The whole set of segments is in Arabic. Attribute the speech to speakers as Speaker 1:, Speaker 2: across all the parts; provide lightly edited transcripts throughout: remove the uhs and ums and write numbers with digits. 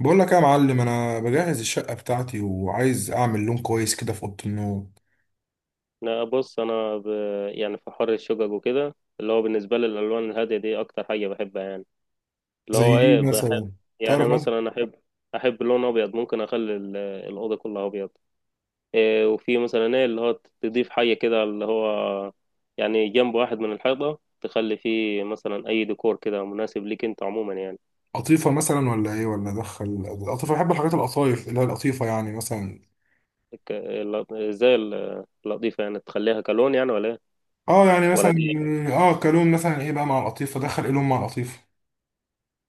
Speaker 1: بقول لك إيه يا معلم، انا بجهز الشقه بتاعتي وعايز اعمل لون كويس كده في اوضه النوم.
Speaker 2: لا، بص، انا يعني في حر الشقق وكده اللي هو بالنسبه لي الالوان الهاديه دي اكتر حاجه بحبها يعني. اللي
Speaker 1: زي
Speaker 2: هو ايه
Speaker 1: ايه مثلا؟
Speaker 2: بحب. يعني
Speaker 1: تعرف مثلا
Speaker 2: مثلا احب اللون ابيض. ممكن اخلي الاوضه كلها ابيض. إيه، وفي مثلا ايه اللي هو تضيف حاجه كده اللي هو يعني جنب واحد من الحيطه تخلي فيه مثلا اي ديكور كده مناسب ليك انت عموما يعني.
Speaker 1: قطيفه مثلا ولا ايه ولا ادخل القطيفه؟ بحب الحاجات القطايف اللي هي القطيفه يعني مثلا.
Speaker 2: ك... ال- زي اللطيفه يعني تخليها كلون يعني ولا ايه؟
Speaker 1: اه يعني
Speaker 2: ولا
Speaker 1: مثلا.
Speaker 2: دي؟
Speaker 1: اه كلون مثلا، ايه بقى مع القطيفه؟ ادخل ايه لون مع القطيفه؟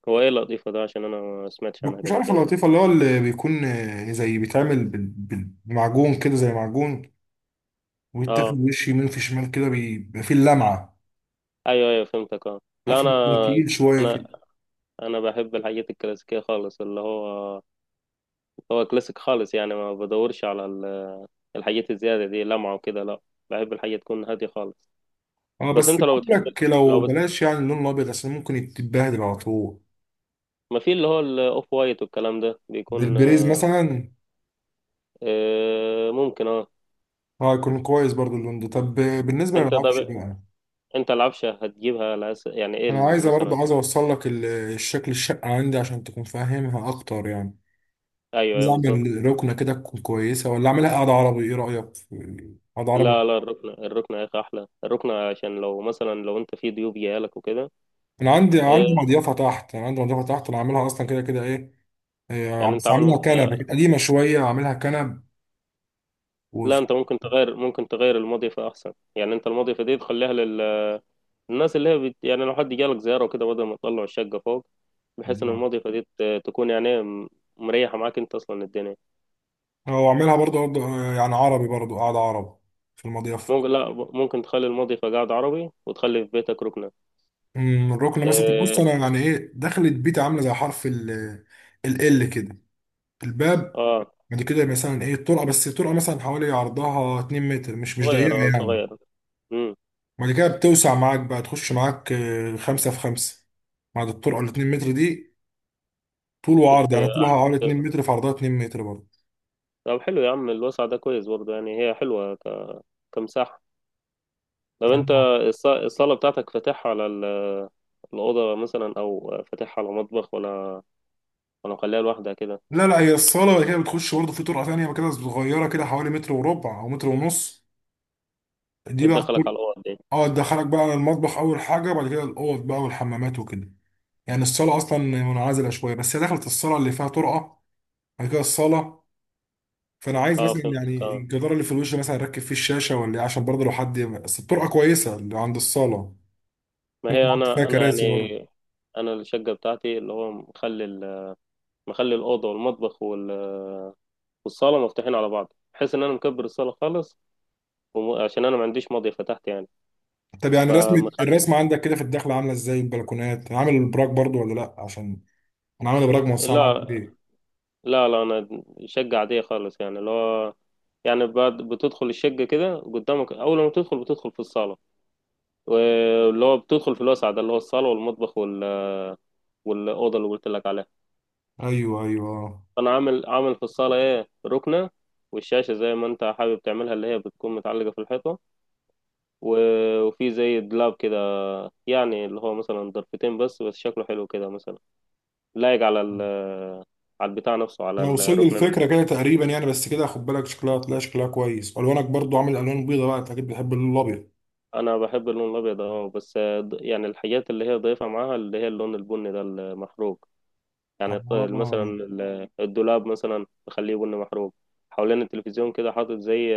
Speaker 2: هو ايه اللطيفه ده؟ عشان انا ما سمعتش عنها
Speaker 1: مش
Speaker 2: قبل
Speaker 1: عارف
Speaker 2: كده.
Speaker 1: القطيفه اللي هو اللي بيكون آه، زي بيتعمل بمعجون كده، زي معجون ويتاخد
Speaker 2: اه،
Speaker 1: وش يمين في شمال كده بيبقى فيه اللمعه.
Speaker 2: ايوه ايوه، فهمتك، اه. لا،
Speaker 1: عارف بيكون تقيل شويه
Speaker 2: انا
Speaker 1: كده.
Speaker 2: انا بحب الحاجات الكلاسيكيه خالص اللي هو. هو كلاسيك خالص، يعني ما بدورش على الحاجات الزياده دي لمعه وكده، لا. بحب الحاجه تكون هاديه خالص.
Speaker 1: اه
Speaker 2: بس
Speaker 1: بس
Speaker 2: انت لو
Speaker 1: بقول
Speaker 2: بتحب،
Speaker 1: لك لو
Speaker 2: لو بت...
Speaker 1: بلاش يعني اللون الابيض عشان ممكن يتبهدل على طول.
Speaker 2: ما في اللي هو الاوف وايت والكلام ده
Speaker 1: زي
Speaker 2: بيكون.
Speaker 1: البريز
Speaker 2: آه،
Speaker 1: مثلا.
Speaker 2: ممكن، اه.
Speaker 1: اه يكون كويس برضو اللون ده. طب بالنسبه
Speaker 2: انت
Speaker 1: للعفش
Speaker 2: طب،
Speaker 1: بقى،
Speaker 2: انت العفشه هتجيبها على يعني ايه
Speaker 1: انا عايزه
Speaker 2: مثلا؟
Speaker 1: برضو، عايز اوصل لك الشكل الشقه عندي عشان تكون فاهمها اكتر يعني.
Speaker 2: ايوه
Speaker 1: عايز
Speaker 2: ايوه بالظبط.
Speaker 1: اعمل ركنه كده تكون كويسه ولا اعملها قاعده عربي؟ ايه رايك في قاعده عربي؟
Speaker 2: لا لا، الركنه. يا اخي احلى، الركنه عشان لو مثلا لو انت في ضيوف جايلك وكده.
Speaker 1: انا عندي، عندي
Speaker 2: آه،
Speaker 1: مضيفه تحت، انا عندي مضيفه تحت، انا عاملها اصلا كده كده ايه. آه،
Speaker 2: يعني انت
Speaker 1: بس
Speaker 2: عامل.
Speaker 1: عاملها كنب قديمه شويه، عاملها كنب
Speaker 2: لا، انت ممكن تغير المضيفة احسن. يعني انت المضيفة دي تخليها للناس اللي هي يعني لو حد جالك زيارة وكده بدل ما تطلع الشقة فوق. بحيث ان
Speaker 1: وفي.
Speaker 2: المضيفة دي تكون يعني مريحة معاك انت اصلا الدنيا.
Speaker 1: هو عاملها برضه يعني عربي برضه، قاعدة عرب في المضيفة.
Speaker 2: ممكن، لا ب- ممكن تخلي المضيفة قاعد عربي وتخلي في بيتك ركنة.
Speaker 1: أمم، الركنة مثلا. بص
Speaker 2: اه.
Speaker 1: أنا يعني إيه، دخلت بيتي عاملة زي حرف ال ال كده الباب.
Speaker 2: آه.
Speaker 1: بعد كده مثلا إيه الطرقة، بس الطرقة مثلا حوالي عرضها 2 متر، مش ضيقة
Speaker 2: صغير، اه،
Speaker 1: يعني.
Speaker 2: صغير. امم.
Speaker 1: بعد كده بتوسع معاك بقى، تخش معاك آه، خمسة في خمسة بعد الطرقة ال 2 متر دي، طول وعرض
Speaker 2: بت...
Speaker 1: يعني، طولها حوالي 2 متر في عرضها 2 متر برضه.
Speaker 2: طب حلو يا عم، الوسع ده كويس برضه، يعني هي حلوة كمساحة. طب انت،
Speaker 1: تمام.
Speaker 2: الصالة بتاعتك فاتحها على الأوضة مثلا؟ أو فاتحها على مطبخ؟ ولا ولا مخليها لوحدها كده؟
Speaker 1: لا لا، هي الصالة بعد كده بتخش برضه في طرقة تانية بقى كده صغيرة كده، حوالي متر وربع أو متر ونص دي بقى.
Speaker 2: بتدخلك على الأوض دي؟
Speaker 1: اه تدخلك بقى المطبخ اول حاجه، بعد كده الاوض بقى والحمامات وكده. يعني الصاله اصلا منعزله شويه، بس هي دخلت الصاله اللي فيها طرقه، بعد كده الصاله. فانا عايز
Speaker 2: اه
Speaker 1: مثلا
Speaker 2: فهمتك
Speaker 1: يعني
Speaker 2: اه.
Speaker 1: الجدار اللي في الوش مثلا اركب فيه الشاشه ولا إيه، عشان برضه لو حد. بس الطرقه كويسه اللي عند الصاله،
Speaker 2: ما
Speaker 1: ممكن
Speaker 2: هي
Speaker 1: احط فيها
Speaker 2: أنا
Speaker 1: كراسي
Speaker 2: يعني،
Speaker 1: برضه.
Speaker 2: أنا الشقة بتاعتي اللي هو مخلي مخلي الأوضة والمطبخ والصالة مفتوحين على بعض، بحيث إن أنا مكبر الصالة خالص. عشان أنا ما عنديش ماضي فتحت يعني.
Speaker 1: طب يعني رسمة،
Speaker 2: فمخ...
Speaker 1: الرسمة عندك كده في الدخلة عاملة ازاي؟ البلكونات، عامل البراك برضو ولا لا؟ عشان انا عامل براك موسعة معاك،
Speaker 2: لا
Speaker 1: ليه؟
Speaker 2: لا لا، أنا شقة عادية خالص، يعني اللي هو يعني بعد بتدخل الشقة كده قدامك، أول ما تدخل بتدخل في الصالة، واللي هو بتدخل في الوسع ده اللي هو الصالة والمطبخ والأوضة اللي قلت لك عليها.
Speaker 1: ايوه ايوه آه.
Speaker 2: فأنا عامل في الصالة إيه ركنة، والشاشة زي ما أنت حابب تعملها اللي هي بتكون متعلقة في الحيطة، وفي زي دولاب كده، يعني اللي هو مثلا ضرفتين، بس شكله حلو كده مثلا، لايق على ال، على البتاع نفسه، على
Speaker 1: انا وصل لي
Speaker 2: الركنة
Speaker 1: الفكره
Speaker 2: نفسها.
Speaker 1: كده تقريبا يعني. بس كده خد بالك شكلها، هتلاقي شكلها كويس. الوانك برضو عامل الوان بيضه بقى، انت اكيد بتحب اللون الابيض.
Speaker 2: أنا بحب اللون الأبيض أه، بس يعني الحاجات اللي هي ضايفها معاها اللي هي اللون البني ده المحروق، يعني
Speaker 1: اه
Speaker 2: مثلا الدولاب مثلا بخليه بني محروق. حوالين التلفزيون كده حاطط زي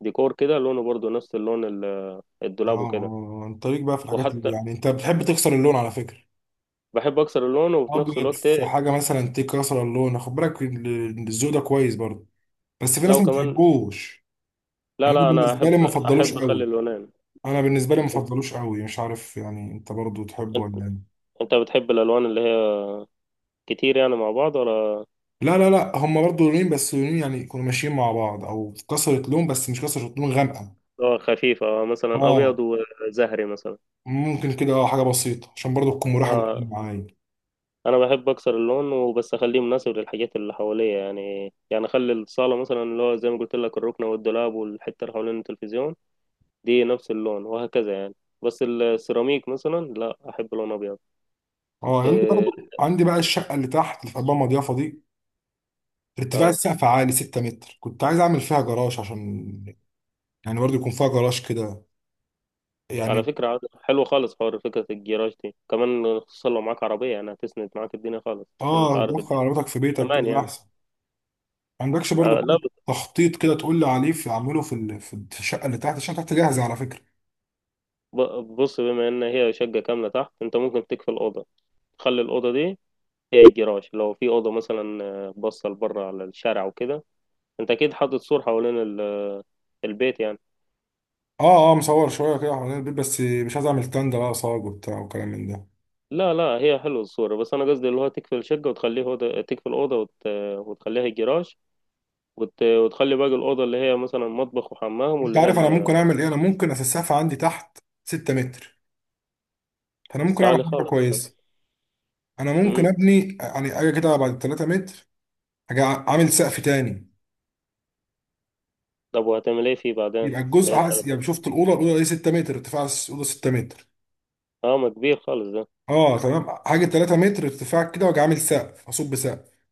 Speaker 2: ديكور كده لونه برضو نفس اللون
Speaker 1: اه
Speaker 2: الدولاب وكده.
Speaker 1: اه، انت ليك بقى في الحاجات اللي
Speaker 2: وحتى
Speaker 1: يعني انت بتحب تكسر اللون على فكره.
Speaker 2: بحب اكسر اللون، وفي نفس
Speaker 1: ابيض
Speaker 2: الوقت
Speaker 1: في حاجه مثلا تكسر اللون، خد بالك الذوق ده كويس برضو، بس في ناس
Speaker 2: لو
Speaker 1: ما
Speaker 2: كمان،
Speaker 1: بتحبوش.
Speaker 2: لا
Speaker 1: انا
Speaker 2: لا، انا
Speaker 1: بالنسبه
Speaker 2: احب
Speaker 1: لي ما فضلوش
Speaker 2: احب اخلي
Speaker 1: قوي.
Speaker 2: اللونين.
Speaker 1: انا بالنسبه لي ما فضلوش قوي، مش عارف يعني انت برضو تحبه
Speaker 2: انت
Speaker 1: ولا ايه.
Speaker 2: أنت بتحب الالوان اللي هي كتير يعني مع بعض ولا؟
Speaker 1: لا لا لا، هم برضو لونين، بس لونين يعني يكونوا ماشيين مع بعض، او كسرة لون بس مش كسرة لون غامقه.
Speaker 2: خفيفة، مثلا ابيض
Speaker 1: اه
Speaker 2: وزهري مثلا.
Speaker 1: ممكن كده، آه، حاجه بسيطه عشان برضو تكون مريحه للعين
Speaker 2: اه.
Speaker 1: معايا.
Speaker 2: انا بحب اكسر اللون وبس اخليه مناسب للحاجات اللي حواليا، يعني اخلي الصاله مثلا اللي هو زي ما قلت لك الركنه والدولاب والحته اللي حوالين التلفزيون دي نفس اللون وهكذا يعني. بس السيراميك مثلا لا، احب لون ابيض.
Speaker 1: اه عندي
Speaker 2: إيه.
Speaker 1: برضو، عندي بقى الشقه اللي تحت اللي في قلبها مضيافه دي، ارتفاع
Speaker 2: اه.
Speaker 1: السقف عالي 6 متر، كنت عايز اعمل فيها جراج عشان يعني برضو يكون فيها جراج كده
Speaker 2: على
Speaker 1: يعني.
Speaker 2: فكرة حلو خالص حوار فكرة الجراج دي كمان، خصوصا لو معاك عربية، يعني هتسند معاك الدنيا خالص، عشان انت
Speaker 1: اه
Speaker 2: عارف
Speaker 1: تدخل
Speaker 2: الدنيا،
Speaker 1: عربيتك في بيتك
Speaker 2: امان
Speaker 1: كده
Speaker 2: يعني.
Speaker 1: احسن. ما عندكش برضو
Speaker 2: لا،
Speaker 1: حاجه تخطيط كده تقول لي عليه، في اعمله في الشقه اللي تحت؟ الشقه اللي تحت جاهزه على فكره.
Speaker 2: بص، بما ان هي شقة كاملة تحت انت ممكن تكفي الأوضة، تخلي الأوضة دي هي الجراج، لو في أوضة مثلا باصة لبره على الشارع وكده. انت اكيد حاطط سور حوالين البيت يعني.
Speaker 1: اه اه مصور شويه كده حوالين البيت، بس مش عايز اعمل تندة بقى صاج وبتاع وكلام من ده.
Speaker 2: لا لا، هي حلوة الصورة، بس أنا قصدي اللي هو تقفل شقة وتخليه أوضة، تقفل أوضة وتخليها الجراج، وتخلي باقي الأوضة اللي هي مثلا مطبخ وحمام،
Speaker 1: انت
Speaker 2: واللي هي
Speaker 1: عارف انا ممكن اعمل ايه؟ انا ممكن اسقف عندي تحت 6 متر، فانا ممكن اعمل
Speaker 2: الصالة
Speaker 1: حاجه
Speaker 2: خالص.
Speaker 1: كويسه. انا ممكن
Speaker 2: امم.
Speaker 1: ابني يعني، اجي كده بعد 3 متر، اجي عامل سقف تاني.
Speaker 2: طب وهتعمل إيه فيه بعدين؟
Speaker 1: يبقى
Speaker 2: اللي
Speaker 1: الجزء
Speaker 2: هي
Speaker 1: عكس-،
Speaker 2: التلفون،
Speaker 1: يعني شفت الاوضه، الاوضه دي 6 متر ارتفاع، الاوضه 6 متر.
Speaker 2: أه ما كبير خالص ده.
Speaker 1: اه تمام، حاجه 3 متر ارتفاع كده، واجي عامل سقف، اصب سقف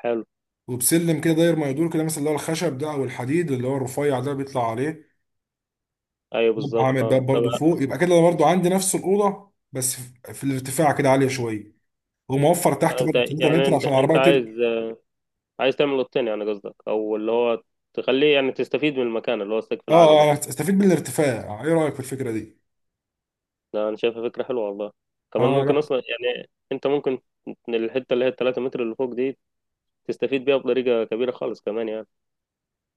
Speaker 2: حلو.
Speaker 1: وبسلم كده داير ما يدور كده، مثلا اللي هو الخشب ده او الحديد اللي هو الرفيع ده بيطلع عليه.
Speaker 2: أيوه
Speaker 1: يبقى
Speaker 2: بالظبط،
Speaker 1: عامل
Speaker 2: أه.
Speaker 1: باب
Speaker 2: طب
Speaker 1: برضو فوق، يبقى كده انا برضو عندي نفس الاوضه، بس في الارتفاع كده عاليه شويه، وموفر تحت برضو
Speaker 2: أنت
Speaker 1: 3
Speaker 2: يعني
Speaker 1: متر
Speaker 2: أنت
Speaker 1: عشان
Speaker 2: أنت
Speaker 1: العربيه تركب.
Speaker 2: عايز، عايز تعمل أوضتين يعني قصدك؟ أو اللي هو تخليه يعني تستفيد من المكان اللي هو السقف
Speaker 1: اه
Speaker 2: العالي
Speaker 1: آه،
Speaker 2: ده؟
Speaker 1: انا استفيد من الارتفاع. ايه رايك في الفكره دي؟
Speaker 2: ده أنا شايفها فكرة حلوة والله. كمان
Speaker 1: اه
Speaker 2: ممكن
Speaker 1: لا.
Speaker 2: أصلا يعني أنت ممكن الحتة اللي هي التلاتة متر اللي فوق دي تستفيد بيها بطريقة كبيرة خالص كمان يعني.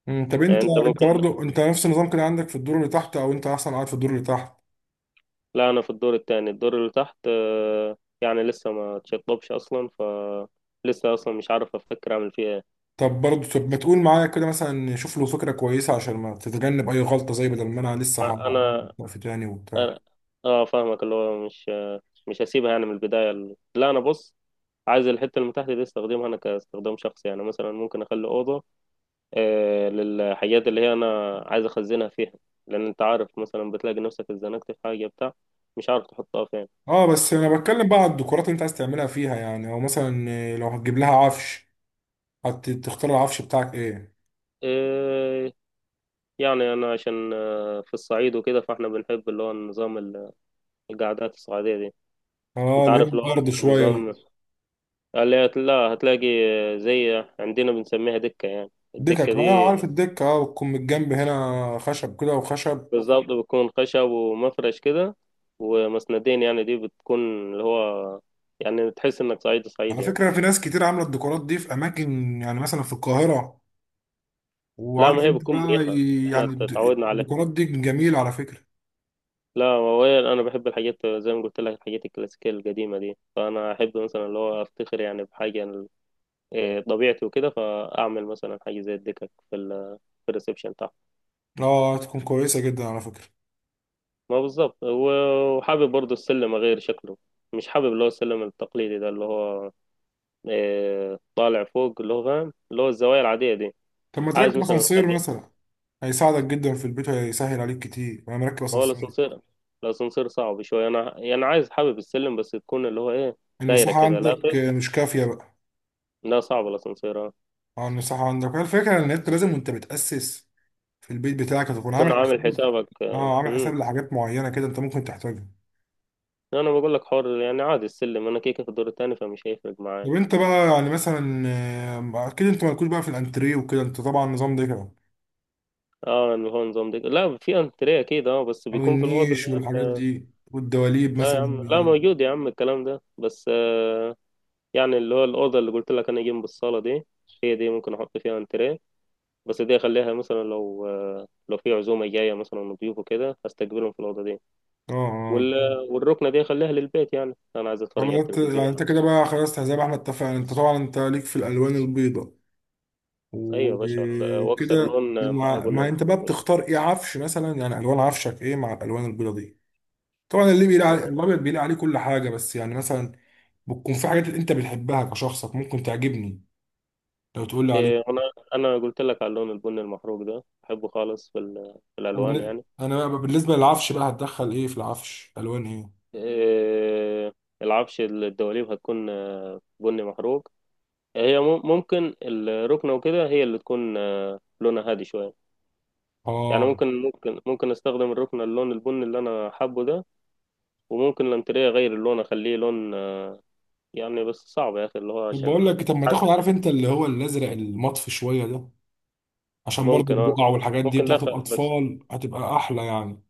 Speaker 1: مم، طب
Speaker 2: يعني
Speaker 1: انت
Speaker 2: انت
Speaker 1: انت
Speaker 2: ممكن.
Speaker 1: برضه انت نفس النظام كده عندك في الدور اللي تحت، او انت اصلا قاعد في الدور اللي تحت؟
Speaker 2: لا، انا في الدور التاني، الدور اللي تحت يعني لسه ما تشطبش اصلا لسه اصلا مش عارف افكر اعمل فيها ايه.
Speaker 1: طب برضه، طب ما تقول معايا كده مثلا، شوف له فكره كويسه عشان ما تتجنب اي غلطه، زي بدل ما انا لسه هعمل
Speaker 2: انا،
Speaker 1: وقف تاني وبتاع.
Speaker 2: أنا- اه فاهمك، اللي هو مش مش هسيبها يعني من البداية. لا، انا بص، عايز الحتة اللي تحت دي استخدمها انا كاستخدام شخصي، يعني مثلا ممكن اخلي اوضة للحاجات اللي هي انا عايز اخزنها فيها، لان انت عارف مثلا بتلاقي نفسك اتزنقت في حاجة بتاع مش عارف تحطها فين.
Speaker 1: اه بس انا بتكلم بقى على الديكورات اللي انت عايز تعملها فيها، يعني او مثلا آه، لو هتجيب لها عفش، هتختار العفش بتاعك ايه؟
Speaker 2: آه، يعني انا عشان في الصعيد وكده، فاحنا بنحب اللي هو النظام القعدات الصعيدية دي.
Speaker 1: اه
Speaker 2: انت
Speaker 1: اللي هي
Speaker 2: عارف اللي هو
Speaker 1: الارض شويه
Speaker 2: النظام
Speaker 1: دي.
Speaker 2: اللي لا هتلاقي، زي عندنا بنسميها دكة. يعني الدكة
Speaker 1: دكك،
Speaker 2: دي
Speaker 1: اه عارف الدكه، اه بتكون من الجنب هنا خشب كده وخشب.
Speaker 2: بالظبط بتكون خشب ومفرش كده ومسندين، يعني دي بتكون اللي هو يعني تحس انك صعيدي
Speaker 1: على
Speaker 2: صعيدي يعني.
Speaker 1: فكره في ناس كتير عامله الديكورات دي في اماكن، يعني مثلا في القاهره.
Speaker 2: لا، ما
Speaker 1: وعارف
Speaker 2: هي
Speaker 1: انت
Speaker 2: بتكون
Speaker 1: بقى،
Speaker 2: مريحة،
Speaker 1: يعني
Speaker 2: احنا اتعودنا عليها.
Speaker 1: الديكورات دي جميلة على فكرة.
Speaker 2: لا، هو انا بحب الحاجات زي ما قلت لك، الحاجات الكلاسيكية القديمة دي، فانا احب مثلا اللي هو افتخر يعني بحاجة إيه، طبيعتي وكده، فاعمل مثلا حاجه زي الدكك في ال، في الريسبشن بتاعه.
Speaker 1: اه تكون كويسة جدا على فكرة.
Speaker 2: ما بالظبط. وحابب برضو السلم اغير شكله، مش حابب اللي هو السلم التقليدي ده اللي هو إيه، طالع فوق اللي هو فاهم اللي هو الزوايا العاديه دي.
Speaker 1: طب ما
Speaker 2: عايز
Speaker 1: تركب
Speaker 2: مثلا
Speaker 1: اسانسير
Speaker 2: اخليه.
Speaker 1: مثلا، هيساعدك جدا في البيت وهيسهل عليك كتير، انا مركب
Speaker 2: هو
Speaker 1: اسانسير.
Speaker 2: الاسانسير، الاسانسير صعب شويه، انا يعني عايز، حابب السلم بس تكون اللي هو ايه دايره
Speaker 1: المساحة
Speaker 2: كده. لا
Speaker 1: عندك
Speaker 2: خير،
Speaker 1: مش كافية بقى.
Speaker 2: لا، صعب الاسانسير. آه.
Speaker 1: اه المساحة عندك هي الفكرة، ان انت لازم وانت بتأسس في البيت بتاعك هتكون
Speaker 2: تكون
Speaker 1: عامل
Speaker 2: عامل
Speaker 1: حساب.
Speaker 2: حسابك،
Speaker 1: اه عامل
Speaker 2: مم.
Speaker 1: حساب لحاجات معينة كده انت ممكن تحتاجها.
Speaker 2: انا بقول لك، حر يعني، عادي السلم، انا كيكه في الدور التاني فمش هيفرق معايا.
Speaker 1: طب انت بقى يعني مثلا آه، اكيد انت مالكوش بقى في الانتريه وكده، انت طبعا النظام ده كده،
Speaker 2: اه اللي هو نظام دي، لا في انتريه اكيد اه، بس
Speaker 1: او
Speaker 2: بيكون في الاوضه اللي
Speaker 1: النيش
Speaker 2: هي
Speaker 1: والحاجات دي والدواليب
Speaker 2: لا يا
Speaker 1: مثلا
Speaker 2: عم، لا،
Speaker 1: يعني.
Speaker 2: موجود يا عم الكلام ده، بس يعني اللي هو الاوضه اللي قلت لك انا جنب الصاله دي، هي دي ممكن احط فيها انتريه، بس دي اخليها مثلا لو في عزومه جايه مثلا وضيوف وكده هستقبلهم في الاوضه دي،
Speaker 1: اه اه.
Speaker 2: وال، والركنه دي اخليها للبيت، يعني انا عايز اتفرج على
Speaker 1: والله انت
Speaker 2: التلفزيون.
Speaker 1: يعني، انت كده بقى خلاص زي ما احنا اتفقنا، انت طبعا انت ليك في الالوان البيضاء
Speaker 2: ايوه يا باشا واكسر
Speaker 1: وكده،
Speaker 2: لون معاه
Speaker 1: وما
Speaker 2: بني
Speaker 1: ما انت
Speaker 2: محروق
Speaker 1: بقى
Speaker 2: مثلا.
Speaker 1: بتختار ايه عفش مثلا يعني؟ الوان عفشك ايه مع الالوان البيضاء دي؟ طبعا اللي بيلاقي عليه الابيض بيلاقي عليه كل حاجه، بس يعني مثلا بتكون في حاجات انت بتحبها كشخصك ممكن تعجبني، لو تقول لي عليه.
Speaker 2: انا، انا قلت لك على اللون البني المحروق ده بحبه خالص، في في الالوان يعني.
Speaker 1: انا بقى بالنسبه للعفش بقى، هتدخل ايه في العفش، الوان ايه؟
Speaker 2: آه، العفش الدواليب هتكون بني محروق. هي ممكن الركنة وكده هي اللي تكون لونها هادي شوية، يعني
Speaker 1: اه
Speaker 2: ممكن استخدم الركنة اللون البني اللي انا حابه ده، وممكن الانتريه اغير اللون اخليه لون يعني بس صعب يا اخي اللي هو
Speaker 1: طب بقول
Speaker 2: عشان،
Speaker 1: لك، طب ما
Speaker 2: حاسس،
Speaker 1: تاخد، عارف انت اللي هو الازرق المطفي شويه ده، عشان برضو
Speaker 2: ممكن اه،
Speaker 1: البقع والحاجات دي
Speaker 2: ممكن
Speaker 1: بتاعت
Speaker 2: داخل بس،
Speaker 1: الأطفال هتبقى أحلى يعني.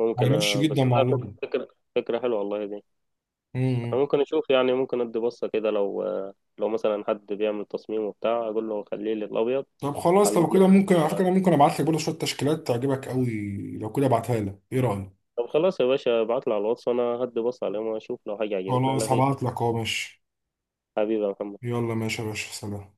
Speaker 2: ممكن
Speaker 1: هيمشي جدا
Speaker 2: بس
Speaker 1: مع
Speaker 2: لا،
Speaker 1: اللغة.
Speaker 2: فكرة. فكرة حلوة والله دي. انا
Speaker 1: امم.
Speaker 2: ممكن اشوف، يعني ممكن ادي بصة كده لو مثلا حد بيعمل تصميم وبتاع اقول له خليه لي الابيض.
Speaker 1: طب خلاص لو
Speaker 2: حلونا.
Speaker 1: كده، ممكن على فكرة،
Speaker 2: ال-
Speaker 1: ممكن أبعت لك برضو شوية تشكيلات تعجبك قوي. لو كده أبعتها لك، إيه رأيك؟
Speaker 2: طب خلاص يا باشا، ابعتلي على الواتس وانا هدي بص عليهم واشوف لو حاجة عجبتني
Speaker 1: خلاص
Speaker 2: هلغيك.
Speaker 1: هبعت لك أهو، ماشي.
Speaker 2: حبيبي يا محمد.
Speaker 1: يلا ماشي يا باشا، سلام.